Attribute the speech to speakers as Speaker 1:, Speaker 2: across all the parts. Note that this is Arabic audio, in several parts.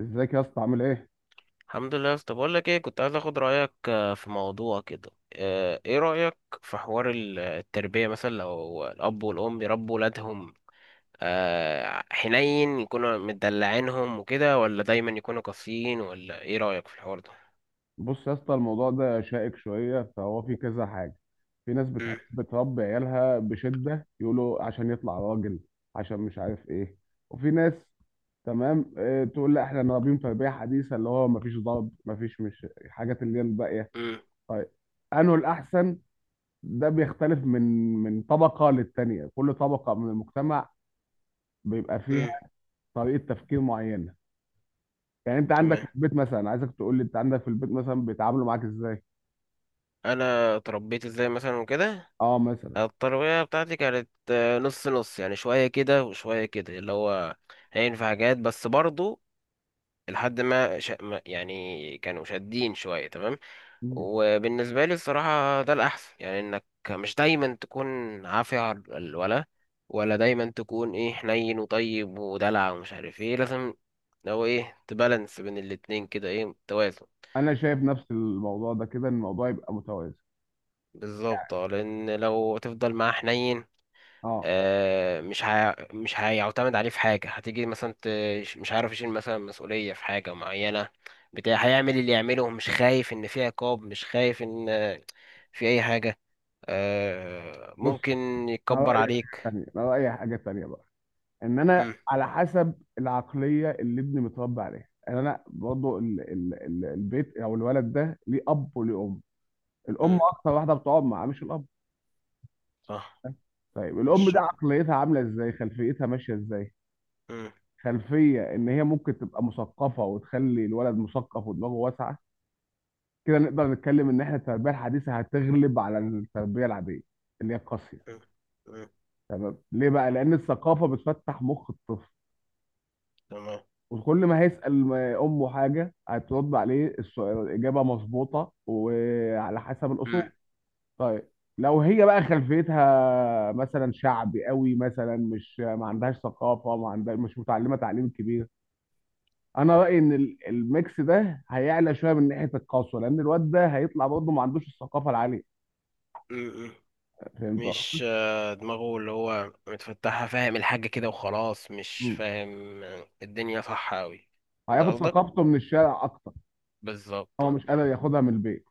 Speaker 1: ازيك يا اسطى عامل ايه؟
Speaker 2: الحمد لله. طب اقول لك ايه، كنت عايز اخد رايك في موضوع كده. ايه رايك في حوار التربيه، مثلا لو الاب والام يربوا ولادهم حنين يكونوا مدلعينهم وكده، ولا دايما يكونوا قاسيين؟ ولا ايه رايك في الحوار ده؟
Speaker 1: بص يا اسطى، الموضوع ده شائك شويه، فهو في كذا حاجه. في ناس
Speaker 2: مم.
Speaker 1: بتحب تربي عيالها بشده، يقولوا عشان يطلع راجل، عشان مش عارف ايه. وفي ناس تمام، اه، تقول لا احنا نربيهم تربيه حديثه، اللي هو مفيش ضرب، مفيش، مش الحاجات اللي هي الباقيه.
Speaker 2: مم.
Speaker 1: طيب انه الاحسن؟ ده بيختلف من طبقه للتانيه. كل طبقه من المجتمع بيبقى فيها
Speaker 2: مم.
Speaker 1: طريقه تفكير معينه. يعني انت عندك
Speaker 2: تمام.
Speaker 1: في البيت مثلا، عايزك تقول لي انت عندك في البيت مثلا بيتعاملوا معاك ازاي.
Speaker 2: انا اتربيت ازاي مثلا وكده.
Speaker 1: اه مثلا.
Speaker 2: التربيه بتاعتي كانت نص نص، يعني شويه كده وشويه كده، اللي هو هينفع حاجات، بس برضو لحد ما يعني كانوا شادين شويه. تمام.
Speaker 1: مم.
Speaker 2: وبالنسبة لي الصراحة ده الأحسن، يعني إنك مش دايما تكون عافية على الولا، ولا دايما تكون إيه حنين وطيب ودلع ومش عارف إيه. لازم لو إيه تبالانس بين الاتنين كده، إيه، توازن.
Speaker 1: انا شايف نفس الموضوع ده كده، ان الموضوع يبقى متوازن.
Speaker 2: بالظبط اه، لأن لو تفضل معاه حنين
Speaker 1: اه.
Speaker 2: آه، مش هيعتمد عليه في حاجة، هتيجي مثلا مش عارف يشيل مثلا مسؤولية في حاجة معينة، بتاع هيعمل اللي يعمله، مش خايف إن في عقاب، مش خايف إن في أي حاجة. آه
Speaker 1: بص،
Speaker 2: ممكن
Speaker 1: انا
Speaker 2: يكبر
Speaker 1: رايي حاجه
Speaker 2: عليك.
Speaker 1: تانيه، انا رايي حاجه تانيه بقى. ان انا
Speaker 2: مم.
Speaker 1: على حسب العقليه اللي ابني متربي عليها، يعني انا برضه ال البيت او الولد ده ليه اب وليه ام. الام
Speaker 2: مم.
Speaker 1: اكتر واحده بتقعد معاه، مش الاب.
Speaker 2: صح.
Speaker 1: طيب
Speaker 2: من
Speaker 1: الام ده
Speaker 2: الشغل.
Speaker 1: عقليتها عامله ازاي، خلفيتها ماشيه ازاي؟
Speaker 2: مم.
Speaker 1: خلفيه ان هي ممكن تبقى مثقفه وتخلي الولد مثقف ودماغه واسعه، كده نقدر نتكلم ان احنا التربيه الحديثه هتغلب على التربيه العاديه اللي هي القاسيه.
Speaker 2: مم. مم.
Speaker 1: تمام. ليه بقى؟ لان الثقافه بتفتح مخ الطفل،
Speaker 2: تمام.
Speaker 1: وكل ما هيسال امه حاجه هترد عليه السؤال، الاجابه مظبوطه وعلى حسب الاصول.
Speaker 2: مم.
Speaker 1: طيب، لو هي بقى خلفيتها مثلا شعبي قوي مثلا، مش ما عندهاش ثقافه، ما عندها، مش متعلمه تعليم كبير، انا رايي ان الميكس ده هيعلى شويه من ناحيه القسوه، لان الواد ده هيطلع برضه ما عندوش الثقافه العاليه.
Speaker 2: مم. مم.
Speaker 1: فهمت قصدي؟
Speaker 2: مش دماغه اللي هو متفتحة، فاهم الحاجة كده وخلاص، مش فاهم الدنيا صح أوي. ده
Speaker 1: هياخد
Speaker 2: قصدك؟
Speaker 1: ثقافته من الشارع اكتر.
Speaker 2: بالظبط
Speaker 1: هو
Speaker 2: آه.
Speaker 1: مش قادر ياخدها من البيت.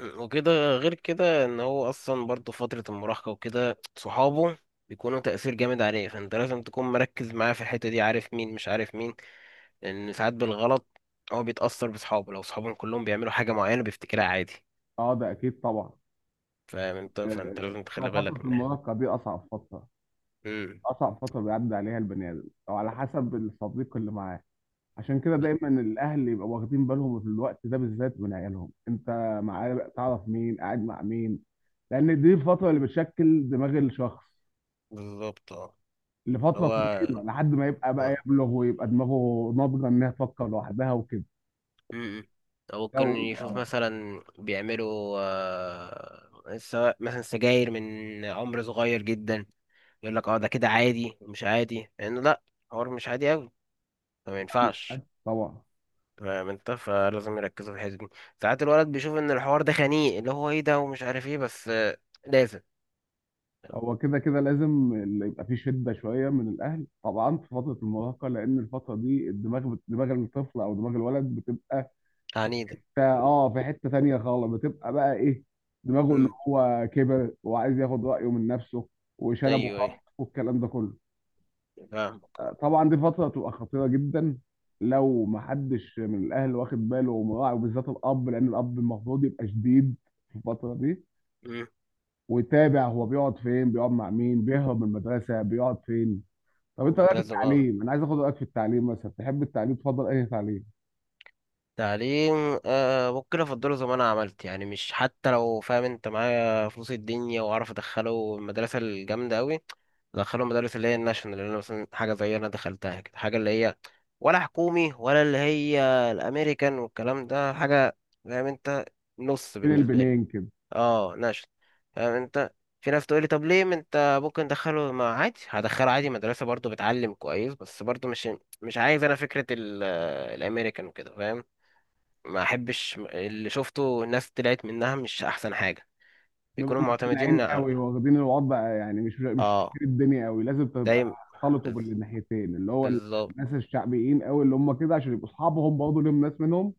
Speaker 2: مم. وكده. غير كده ان هو اصلا برضه فترة المراهقة وكده، صحابه بيكونوا تأثير جامد عليه، فانت لازم تكون مركز معاه في الحتة دي، عارف مين مش عارف مين. لأن ساعات بالغلط هو بيتأثر بصحابه، لو صحابهم كلهم بيعملوا حاجة معينة بيفتكرها عادي.
Speaker 1: اه ده اكيد طبعا.
Speaker 2: فاهم انت؟
Speaker 1: آه،
Speaker 2: فانت لازم
Speaker 1: لو
Speaker 2: تخلي
Speaker 1: فترة
Speaker 2: بالك من ده.
Speaker 1: المراهقة دي اصعب فترة
Speaker 2: امم
Speaker 1: اصعب فترة بيعدي عليها البني ادم او على حسب الصديق اللي معاه عشان كده
Speaker 2: ب-
Speaker 1: دايما الاهل يبقوا واخدين بالهم في الوقت ده بالذات من عيالهم انت معاه تعرف مين قاعد مع مين لان دي الفترة اللي بتشكل دماغ الشخص
Speaker 2: بالظبط اه. اللي
Speaker 1: لفترة
Speaker 2: هو
Speaker 1: طويلة لحد ما يبقى بقى
Speaker 2: آه.
Speaker 1: يبلغ ويبقى دماغه ناضجة انها تفكر لوحدها وكده
Speaker 2: امم أو ممكن يشوف
Speaker 1: لو-
Speaker 2: مثلا بيعملوا سواء مثلا سجاير من عمر صغير جدا، يقول لك اه ده كده عادي. مش عادي لأنه لأ، حوار مش عادي أوي. فما ينفعش،
Speaker 1: طبعا.
Speaker 2: فاهم انت. فلازم يركزوا في الحته دي. ساعات الولد بيشوف ان الحوار ده خنيق، اللي هو ايه ده ومش عارف ايه، بس لازم.
Speaker 1: هو كده كده لازم اللي يبقى فيه شدة شوية من الأهل طبعا في فترة المراهقة، لأن الفترة دي الدماغ دماغ الطفل أو دماغ الولد بتبقى
Speaker 2: عنيدة.
Speaker 1: في في حتة تانية خالص، بتبقى بقى إيه، دماغه إن
Speaker 2: امم
Speaker 1: هو كبر وعايز ياخد رأيه من نفسه، وشنب
Speaker 2: ايوه ايوه،
Speaker 1: وخط والكلام ده كله.
Speaker 2: فاهمك اه.
Speaker 1: طبعا دي فترة تبقى خطيرة جدا لو محدش من الأهل واخد باله ومراعي، وبالذات الأب، لأن الأب المفروض يبقى شديد في الفترة دي،
Speaker 2: امم
Speaker 1: ويتابع هو بيقعد فين، بيقعد مع مين، بيهرب من المدرسة بيقعد فين. طب انت
Speaker 2: انت
Speaker 1: رايك في
Speaker 2: لازم اه،
Speaker 1: التعليم؟ انا عايز اخد رايك في التعليم مثلا، تحب التعليم، تفضل اي تعليم
Speaker 2: تعليم. آه ممكن افضله زي ما انا عملت، يعني مش حتى لو فاهم انت معايا فلوس الدنيا واعرف ادخله المدرسه الجامده قوي. ادخله المدارس اللي هي الناشونال، اللي انا مثلا حاجه زي انا دخلتها كده، حاجه اللي هي، ولا حكومي ولا اللي هي الامريكان والكلام ده حاجه، فاهم انت، نص
Speaker 1: بين
Speaker 2: بالنسبه لي.
Speaker 1: البنين كده؟
Speaker 2: اه نشل، فاهم انت. في ناس تقولي طب ليه ما انت ممكن تدخله، ما عادي هدخله عادي مدرسة برضو بتعلم كويس، بس برضو مش، مش عايز انا فكرة الامريكان وكده، فاهم. ما احبش اللي شفته، الناس طلعت منها مش احسن حاجة،
Speaker 1: نبقى
Speaker 2: بيكونوا
Speaker 1: متدلعين
Speaker 2: معتمدين
Speaker 1: قوي
Speaker 2: على
Speaker 1: واخدين الوضع، يعني مش
Speaker 2: اه
Speaker 1: شايفين الدنيا قوي. لازم تبقى
Speaker 2: دايما.
Speaker 1: خلطوا
Speaker 2: بز-
Speaker 1: بالناحيتين، اللي هو
Speaker 2: بالظبط.
Speaker 1: الناس الشعبيين قوي اللي هم كده، عشان يبقوا اصحابهم برضه ليهم ناس منهم،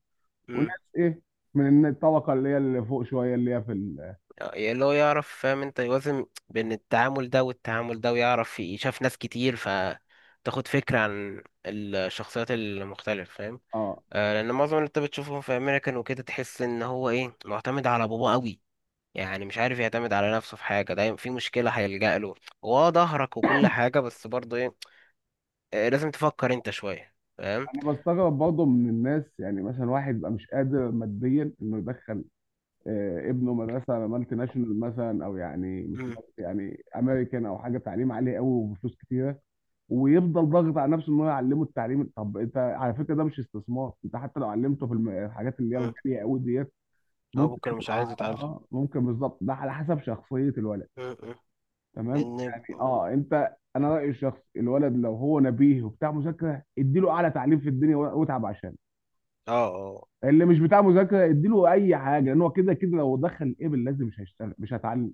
Speaker 2: مم.
Speaker 1: وناس ايه، من الطبقه اللي هي اللي فوق شويه اللي هي في
Speaker 2: اللي هو يعرف، فاهم انت، يوازن بين التعامل ده والتعامل ده، ويعرف يشاف ناس كتير فتاخد فكرة عن الشخصيات المختلفة، فاهم.
Speaker 1: اه.
Speaker 2: لان معظم اللي انت بتشوفهم في امريكان وكده، تحس ان هو ايه معتمد على باباه قوي، يعني مش عارف يعتمد على نفسه في حاجه، دايما في مشكله هيلجأ له هو، ظهرك وكل حاجه. بس برضه ايه، لازم تفكر انت شويه، فاهم.
Speaker 1: انا بستغرب برضه من الناس، يعني مثلا واحد يبقى مش قادر ماديا انه يدخل ابنه مدرسه مالتي ناشونال مثلا، او يعني مش
Speaker 2: امم
Speaker 1: مالتي، يعني امريكان او حاجه تعليم عالي قوي وبفلوس كتيره، ويفضل ضاغط على نفسه ان هو يعلمه التعليم. طب انت على فكره، ده مش استثمار. انت حتى لو علمته في الحاجات اللي هي
Speaker 2: امم
Speaker 1: الغاليه قوي ديت،
Speaker 2: اه،
Speaker 1: ممكن
Speaker 2: بكره مش
Speaker 1: يطلع
Speaker 2: عايز يتعلم.
Speaker 1: اه، ممكن، بالظبط، ده على حسب شخصيه الولد.
Speaker 2: امم
Speaker 1: تمام.
Speaker 2: ان
Speaker 1: يعني اه، انت، انا رايي الشخص الولد لو هو نبيه وبتاع مذاكره، اديله اعلى تعليم في الدنيا واتعب عشان.
Speaker 2: اه اه
Speaker 1: اللي مش بتاع مذاكره اديله اي حاجه، لان هو كده كده لو دخل ايبل لازم، مش هيشتغل، مش هتعلم.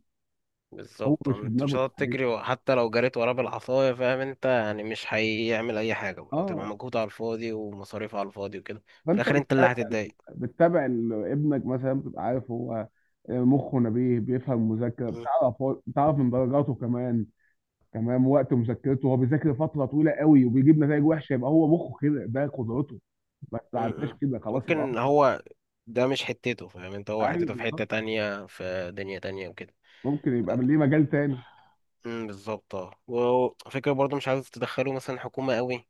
Speaker 1: هو
Speaker 2: بالظبط
Speaker 1: مش في
Speaker 2: انت مش
Speaker 1: دماغه
Speaker 2: هتقعد
Speaker 1: التحليل.
Speaker 2: تجري، وحتى لو جريت وراه بالعصايه فاهم انت، يعني مش هيعمل اي حاجه، وتبقى
Speaker 1: اه.
Speaker 2: مجهود على الفاضي ومصاريف على الفاضي وكده. في
Speaker 1: فانت
Speaker 2: الاخر انت اللي
Speaker 1: بتتابع،
Speaker 2: هتتضايق.
Speaker 1: بتتابع ابنك مثلا، بتبقى عارف هو مخه نبيه بيفهم مذاكره، بتعرف من درجاته كمان. تمام. وقت مذاكرته هو بيذاكر فتره طويله قوي وبيجيب نتائج وحشه، يبقى هو مخه كده، ده قدرته، ما تعداش
Speaker 2: م-م.
Speaker 1: كده، خلاص يبقى
Speaker 2: ممكن
Speaker 1: هو.
Speaker 2: هو، ده مش حتته فاهم انت، هو
Speaker 1: ايوه
Speaker 2: حتته في
Speaker 1: بالظبط.
Speaker 2: حتة تانية في دنيا تانية وكده.
Speaker 1: ممكن يبقى ليه مجال تاني.
Speaker 2: بالظبط اه. وفكرة برضه مش عايز تدخله مثلا حكومة قوي،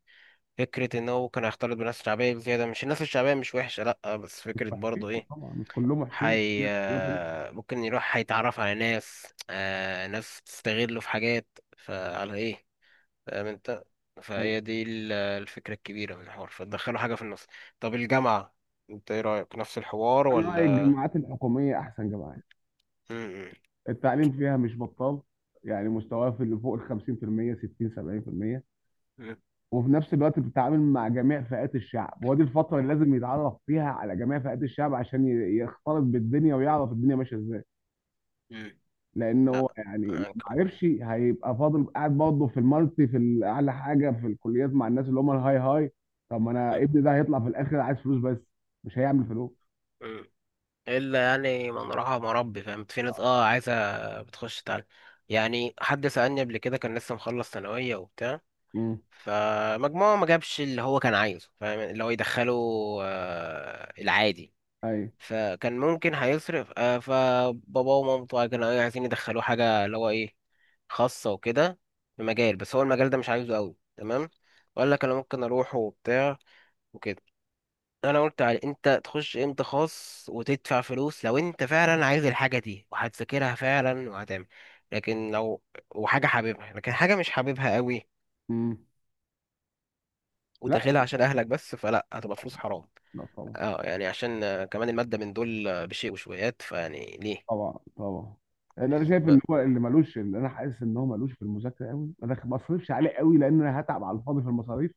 Speaker 2: فكرة ان هو كان هيختلط بالناس الشعبية بزيادة، مش الناس الشعبية مش وحشة لأ، بس
Speaker 1: مش
Speaker 2: فكرة
Speaker 1: وحشين
Speaker 2: برضه ايه
Speaker 1: طبعا، مش كلهم وحشين،
Speaker 2: حي. ممكن يروح هيتعرف على ناس آه ناس تستغله في حاجات، فعلى ايه، فاهم انت.
Speaker 1: أيوة.
Speaker 2: فهي دي الفكرة الكبيرة من الحوار، فتدخله حاجة في النص. طب الجامعة، انت ايه رأيك؟ نفس الحوار
Speaker 1: انا رايي
Speaker 2: ولا؟
Speaker 1: الجامعات الحكوميه احسن جامعات.
Speaker 2: مم.
Speaker 1: التعليم فيها مش بطال، يعني مستواه في اللي فوق ال 50%، 60، 70%.
Speaker 2: مم.
Speaker 1: وفي نفس الوقت بتتعامل مع جميع فئات الشعب، ودي الفترة اللي لازم يتعرف فيها على جميع فئات الشعب، عشان يختلط بالدنيا ويعرف الدنيا ماشية ازاي.
Speaker 2: مم.
Speaker 1: لأنه
Speaker 2: لا،
Speaker 1: هو يعني لو ما
Speaker 2: فاهمك.
Speaker 1: عرفش هيبقى فاضل قاعد برضه في المالتي، في أعلى حاجة في الكليات، مع الناس اللي هم الهاي هاي. طب ما أنا
Speaker 2: مم.
Speaker 1: ابني ده هيطلع في الآخر عايز فلوس بس، مش هيعمل فلوس.
Speaker 2: مم. الا يعني، من راح مربي، فاهم، في ناس اه عايزه بتخش تعلم. يعني حد سالني قبل كده، كان لسه مخلص ثانويه وبتاع،
Speaker 1: امم.
Speaker 2: فمجموعه ما جابش اللي هو كان عايزه، فاهم، اللي هو يدخله آه العادي.
Speaker 1: أيوه.
Speaker 2: فكان ممكن هيصرف آه، فبابا ومامته كانوا إيه عايزين يدخلوه حاجه اللي هو ايه خاصه وكده، في مجال، بس هو المجال ده مش عايزه قوي. تمام، وقال لك انا ممكن اروح وبتاع وكده. انا قلت على انت تخش امتى خاص وتدفع فلوس لو انت فعلا عايز الحاجه دي، وهتذاكرها فعلا وهتعمل. لكن لو، وحاجه حاببها لكن حاجه مش حاببها قوي
Speaker 1: امم. لا.
Speaker 2: وداخلها عشان اهلك بس، فلا، هتبقى فلوس حرام.
Speaker 1: لا طبعا.
Speaker 2: اه، يعني عشان كمان الماده من دول بشيء وشويات فيعني ليه.
Speaker 1: طبعا طبعا. اللي انا
Speaker 2: بز-
Speaker 1: شايف ان
Speaker 2: ب-
Speaker 1: هو، اللي ملوش اللي انا حاسس ان هو ملوش في المذاكره قوي، انا ما بصرفش عليه قوي، لان انا هتعب على الفاضي في المصاريف.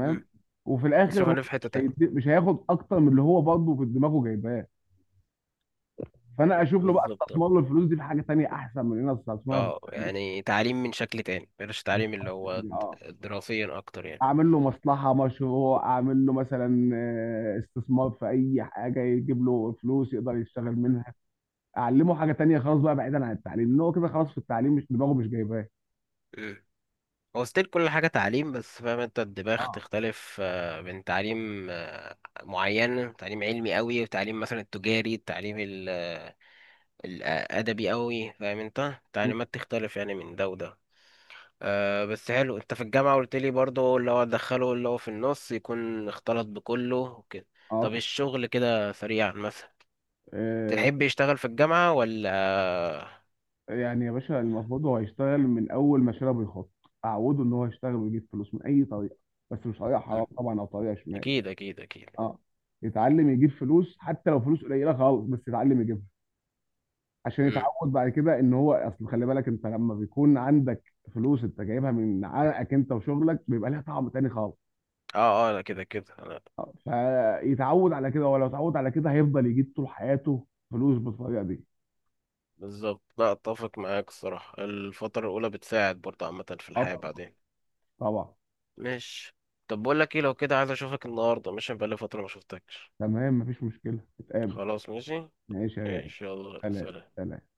Speaker 2: مم.
Speaker 1: وفي
Speaker 2: اصرف
Speaker 1: الاخر هو
Speaker 2: عليه في حته تانية.
Speaker 1: مش هياخد اكتر من اللي هو برضه في دماغه جايباه. فانا اشوف له بقى
Speaker 2: بالظبط اه.
Speaker 1: استثمر له الفلوس دي في حاجه تانيه، احسن من ان انا استثمرها في التعليم
Speaker 2: يعني تعليم من شكل تاني، بلاش تعليم اللي هو
Speaker 1: كده. اه.
Speaker 2: دراسيا اكتر يعني.
Speaker 1: اعمل له مصلحه، مشروع، اعمل له مثلا استثمار في اي حاجه يجيب له فلوس يقدر يشتغل منها. اعلمه حاجه تانيه خلاص بقى، بعيدا عن التعليم، ان هو كده خلاص، في التعليم مش دماغه، مش جايباه.
Speaker 2: هو ستيل كل حاجة تعليم، بس فاهم انت، الدماغ
Speaker 1: اه
Speaker 2: تختلف بين تعليم معين، تعليم علمي قوي، وتعليم مثلا التجاري، التعليم الأدبي قوي، فاهم انت، تعليمات تختلف يعني من ده وده. أه، بس حلو، انت في الجامعة قلت لي برضه اللي هو دخله اللي هو في النص، يكون اختلط بكله وكده.
Speaker 1: اه.
Speaker 2: طب الشغل كده سريعا مثلا،
Speaker 1: آه،
Speaker 2: تحب يشتغل في الجامعة ولا؟
Speaker 1: يعني يا باشا، المفروض هو هيشتغل من اول ما شرب الخط. اعوده ان هو يشتغل ويجيب فلوس من اي طريقه، بس مش طريقه حرام
Speaker 2: مم.
Speaker 1: طبعا او طريقه شمال.
Speaker 2: أكيد أكيد أكيد.
Speaker 1: اه. يتعلم يجيب فلوس حتى لو فلوس قليله خالص، بس يتعلم يجيبها، عشان
Speaker 2: مم.
Speaker 1: يتعود بعد كده، ان هو، اصل خلي بالك انت، لما بيكون عندك فلوس انت جايبها من عرقك انت وشغلك، بيبقى لها طعم تاني خالص.
Speaker 2: اه اه، أنا كده كده.
Speaker 1: فيتعود على كده، ولو اتعود على كده هيفضل يجيب طول حياته فلوس بالطريقه دي.
Speaker 2: بالظبط، لا اتفق معاك الصراحة، الفترة الأولى بتساعد برضه عامة في
Speaker 1: اه
Speaker 2: الحياة بعدين.
Speaker 1: طبعا.
Speaker 2: ماشي. طب بقول لك ايه، لو كده عايز اشوفك النهاردة، مش بقالي فترة ما شفتكش.
Speaker 1: تمام مفيش مشكله، نتقابل.
Speaker 2: خلاص، ماشي.
Speaker 1: ماشي يا غالي.
Speaker 2: ماشي، يلا،
Speaker 1: سلام.
Speaker 2: سلام.
Speaker 1: سلام.